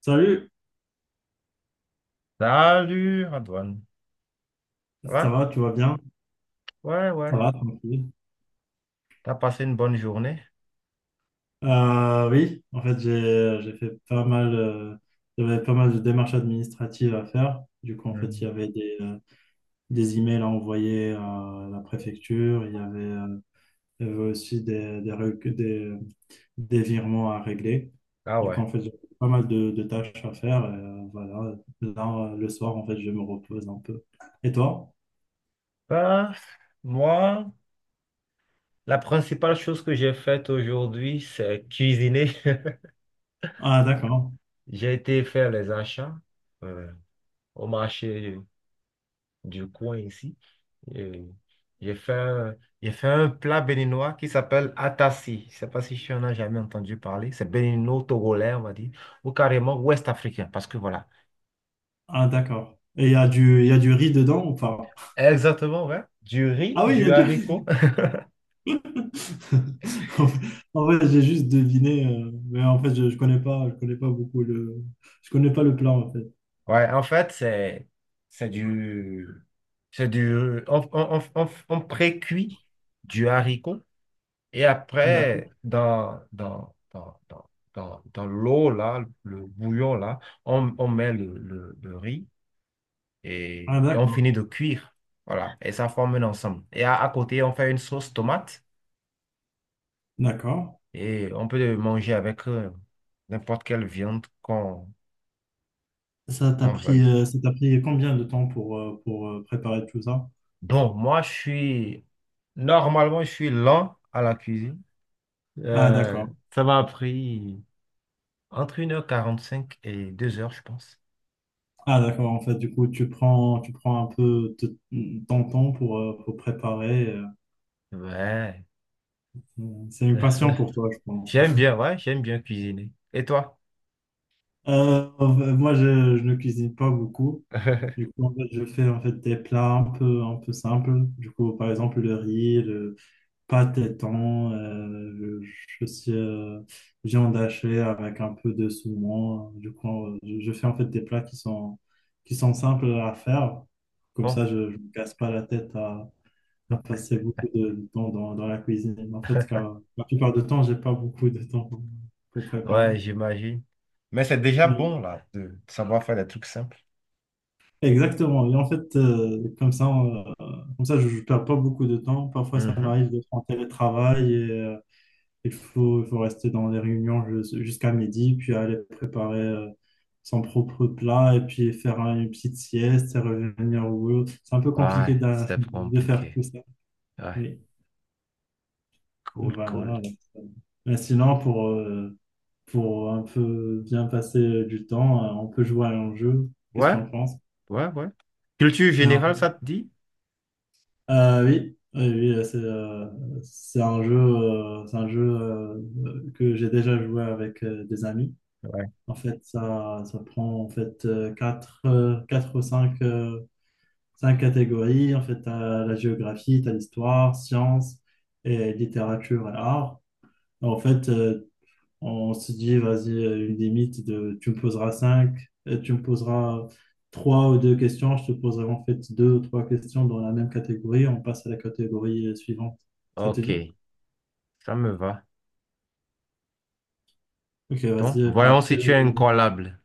Salut, Salut, Antoine. Ça ça va? va, tu vas bien? Ouais, Ça ouais. va, tranquille. T'as passé une bonne journée? Oui, en fait, j'ai fait pas mal, j'avais pas mal de démarches administratives à faire. Du coup, en fait, il y Hmm. avait des emails à envoyer à la préfecture, il y avait aussi des virements à régler. Ah Du coup, ouais. en fait, j'ai pas mal de tâches à faire. Et, voilà, là, le soir, en fait, je me repose un peu. Et toi? Bah, moi, la principale chose que j'ai faite aujourd'hui, c'est cuisiner. Ah, d'accord. J'ai été faire les achats euh, au marché du coin ici. Et j'ai fait un plat béninois qui s'appelle atassi. Je sais pas si tu en as jamais entendu parler. C'est bénino-togolais, on va dire, ou carrément ouest-africain, parce que voilà. Ah, d'accord. Et il y a du riz dedans ou pas? Exactement, ouais. Du riz, Ah oui, il y a du déjà... haricot. En fait, en fait, j'ai juste deviné, mais en fait, je connais pas le plat en fait. Ouais, en fait, c'est du c'est du on pré-cuit du haricot et D'accord. après dans l'eau là, le bouillon là, on met le riz Ah et, on d'accord, finit de cuire. Voilà, et ça forme un ensemble. Et à côté, on fait une sauce tomate d'accord. et on peut le manger avec n'importe quelle viande qu'on Ça t'a qu'on pris, veuille. euh, ça t'a pris combien de temps pour préparer tout ça? Bon, moi, normalement, je suis lent à la cuisine. Ah Euh, d'accord, Ça m'a pris entre 1h45 et 2 heures, je pense. ah d'accord. En fait, du coup, tu prends, un peu ton temps pour préparer. Ouais. C'est une passion pour toi, je pense. J'aime bien, ouais, j'aime bien cuisiner. Et toi? Euh, moi, je ne cuisine pas beaucoup. Du coup, en fait, je fais en fait des plats un peu simples. Du coup, par exemple, le riz, le pâte et thon, je suis viande hachée avec un peu de saumon. Du coup, je fais en fait des plats qui sont simples à faire. Comme Bon, ça, je ne me casse pas la tête à passer beaucoup de temps dans la cuisine. En fait, car la plupart du temps, j'ai pas beaucoup de temps pour préparer. ouais, j'imagine. Mais c'est déjà Oui. bon, là, de savoir faire des trucs simples. Exactement. Et en fait, comme ça, je ne perds pas beaucoup de temps. Parfois, ça Mhm. m'arrive d'être en télétravail et il faut rester dans les réunions jusqu'à midi, puis aller préparer son propre plat et puis faire une petite sieste et revenir au boulot. C'est un peu Ouais, compliqué d'a- c'est pas de, faire compliqué. tout ça. Ouais, Oui, cool, cool. voilà. Mais sinon, pour un peu bien passer du temps, on peut jouer à un jeu. Qu'est-ce que tu Ouais, en penses? ouais, ouais. Culture générale, ça te dit? Oui, oui, oui, c'est un jeu, que j'ai déjà joué avec des amis. Ouais. En fait, ça prend en fait quatre ou cinq catégories. En fait, t'as la géographie, t'as l'histoire, sciences et littérature et art. En fait, on se dit, vas-y, une limite de tu me poseras trois ou deux questions, je te poserai en fait deux ou trois questions dans la même catégorie, on passe à la catégorie suivante. Ça te Ok, dit? ça me va. Ok, Bon, vas-y, par voyons si tu quel... es incollable.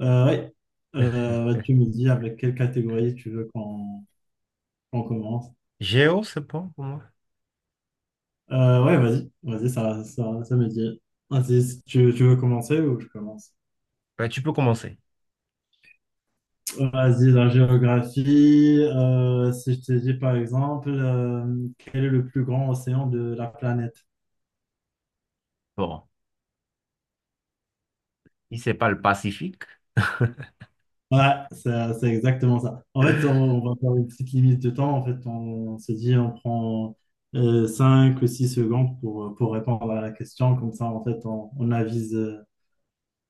ouais. Tu me dis avec quelle catégorie tu veux qu'on commence. Géo, c'est bon pour moi. Ouais, vas-y, vas-y, ça me dit. Vas-y, tu veux commencer ou je commence? Ben, tu peux commencer. Vas-y, la géographie. Si je te dis par exemple, quel est le plus grand océan de la planète? Bon, si c'est pas le Pacifique. Ouais, c'est exactement ça. En fait, on va faire une petite limite de temps. En fait, on se dit, on prend 5 ou 6 secondes pour répondre à la question. Comme ça, en fait, on, on avise, euh,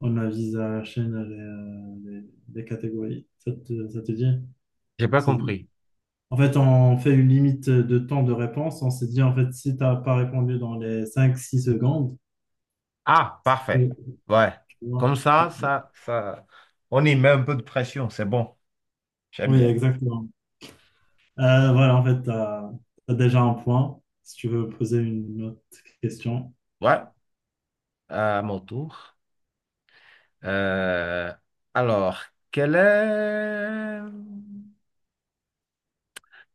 on avise à la chaîne les catégories. Ça te dit? J'ai pas compris. En fait, on fait une limite de temps de réponse. On s'est dit, en fait, si tu n'as pas répondu dans les 5-6 secondes, Ah, Oui. parfait. Ouais. Tu vois. Comme ça, on y met un peu de pression, c'est bon. J'aime Oui, bien. exactement. Voilà, en fait, tu as, déjà un point. Si tu veux poser une autre question. Ouais, à mon tour. Euh, alors, quel est,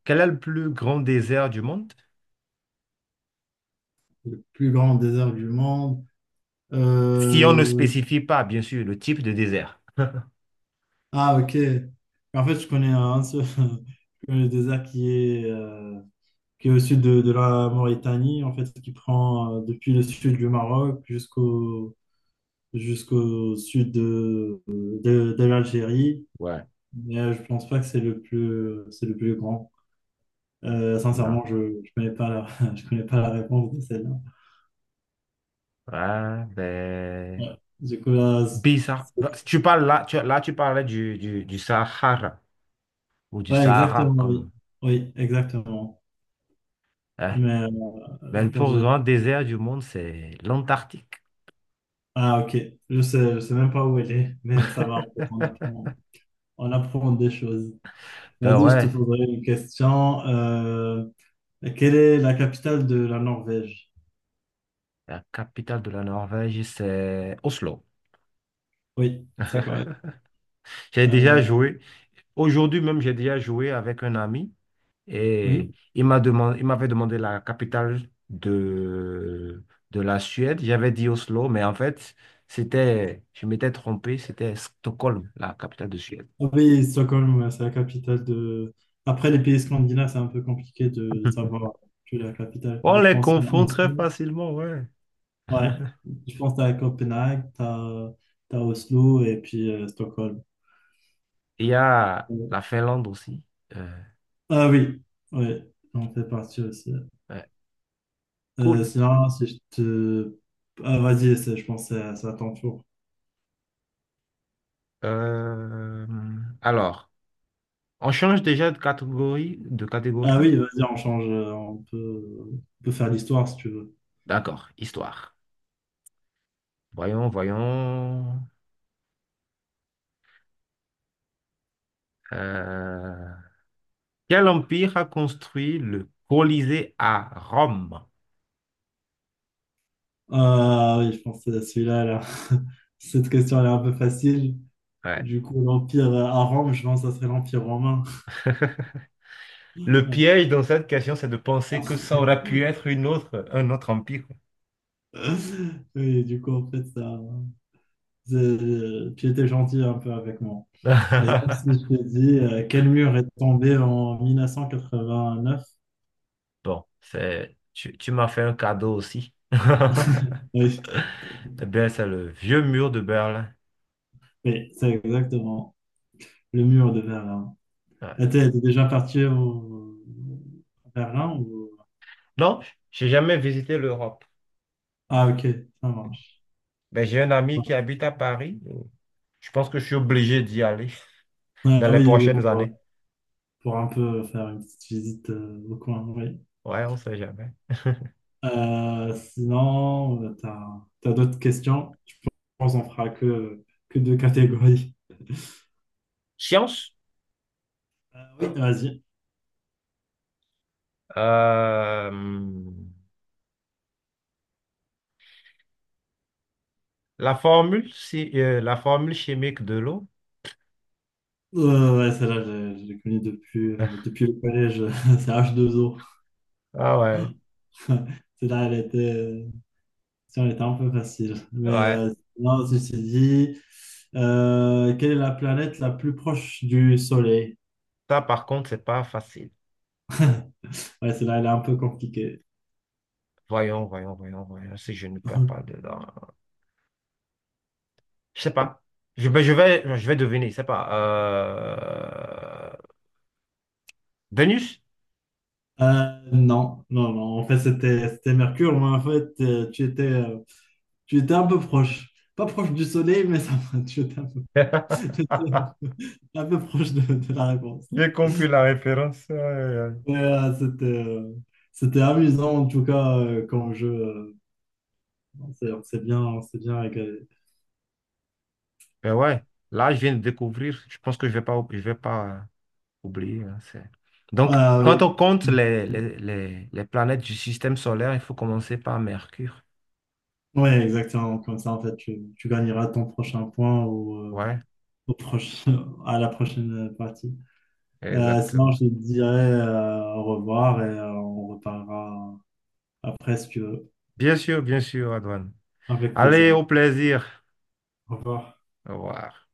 quel est le plus grand désert du monde? Le plus grand désert du monde. Si on ne Euh, spécifie pas, bien sûr, le type de désert. Ah, ok. En fait, je connais un seul je connais le désert qui est au sud de la Mauritanie, en fait, qui prend depuis le sud du Maroc jusqu'au sud de l'Algérie. Ouais. Mais je pense pas que c'est le plus grand. Là. Sincèrement, je connais pas la, je connais pas la réponse de celle-là. Ouais, ben. Ouais. Du coup, là, Bizarre. Bah, c'est- si Tu parles là, tu parlais du Sahara ou du ouais, Sahara exactement, oui. comme, Oui, exactement. hein. Mais Mais je le pense plus grand que... désert du monde, c'est l'Antarctique. Ah, ok. Je sais même pas où elle est, mais ça va, en fait, on apprend, on apprend des choses. Ben Vas-y, je te ouais, poserai une question. Quelle est la capitale de la Norvège? la capitale de la Norvège, c'est Oslo. Oui, c'est correct. J'ai déjà Euh, joué. Aujourd'hui même, j'ai déjà joué avec un ami et oui. il m'avait demandé la capitale de, de la Suède. J'avais dit Oslo, mais en fait, je m'étais trompé, c'était Stockholm, la capitale de Suède. Ah oui, Stockholm, ouais, c'est la capitale de. Après, les pays scandinaves, c'est un peu compliqué de savoir que la capitale. On Enfin, je les pense à confond très Oslo. facilement, ouais. Ouais. Je pense à Copenhague, t'as Oslo et puis Stockholm. Il y a Ouais. la Finlande aussi. Euh, Ah oui, ouais, on fait partie aussi. ouais, Euh, cool. sinon, si je te. Ah, vas-y, je pense que c'est à ton tour. Euh, alors, on change déjà de catégorie, Ah oui, vas-y, on change. On peut, faire l'histoire si tu veux. D'accord, histoire. Voyons, voyons. Euh, Quel empire a construit le Colisée à Rome? Ah oui, je pense que c'est celui-là, là. Cette question, elle est un peu facile. Ouais. Du coup, l'Empire à Rome, je pense que ça serait l'Empire romain. Le piège dans cette question, c'est de penser que ça aurait pu être un autre empire. Oui, du coup, en fait, tu étais gentil un peu avec moi. Et donc, si je te dis, quel mur est tombé en 1989? Bon, tu m'as fait un cadeau aussi. Oui, Eh bien, c'est le vieux mur de Berlin. oui, c'est exactement le mur de Berlin. Ouais. Et t'es déjà parti au... à Berlin ou... Non, j'ai jamais visité l'Europe. Ah, ok, ça marche. Mais j'ai un ami qui habite à Paris. Je pense que je suis obligé d'y aller dans Ah les oui, oui, prochaines pour, euh, années. pour un peu faire une petite visite au coin, oui. Ouais, on sait jamais. Sinon, t'as d'autres questions? Je pense qu'on fera que deux catégories. Science. Oui, vas-y. Euh, la formule, si- La formule chimique de l'eau. Ouais, ouais, celle-là, je l'ai connue depuis, euh, depuis le collège. C'est H2O. Ah ouais, Celle-là, elle était un peu facile. Mais ouais. Sinon, ceci dit, quelle est la planète la plus proche du Soleil? Ça, par contre, c'est pas facile. Ouais, celle-là, elle est un peu compliquée. Voyons, voyons, voyons, voyons, si je ne perds pas dedans. Je sais pas. Ben, je vais deviner, je sais pas. Vénus? Non, non, non. En fait, c'était Mercure, mais en fait, tu étais un peu proche. Pas proche du soleil, mais ça va. Tu étais un peu, tu étais un peu proche de la réponse. J'ai compris la référence. Aïe, aïe, aïe. Mais, c'était amusant, en tout cas, comme jeu. On s'est bien régalé. Ben ouais, là, je viens de découvrir. Je pense que je vais pas oublier, hein. Donc, Voilà, quand oui. on compte les planètes du système solaire, il faut commencer par Mercure. Ouais, exactement. Comme ça, en fait, tu gagneras ton prochain point ou Ouais, au prochain, à la prochaine partie. Sinon, exactement. je te dirai au revoir et on reparlera après si tu veux. Bien sûr, Adouane. Avec Allez, plaisir. au plaisir. Au revoir. Au revoir.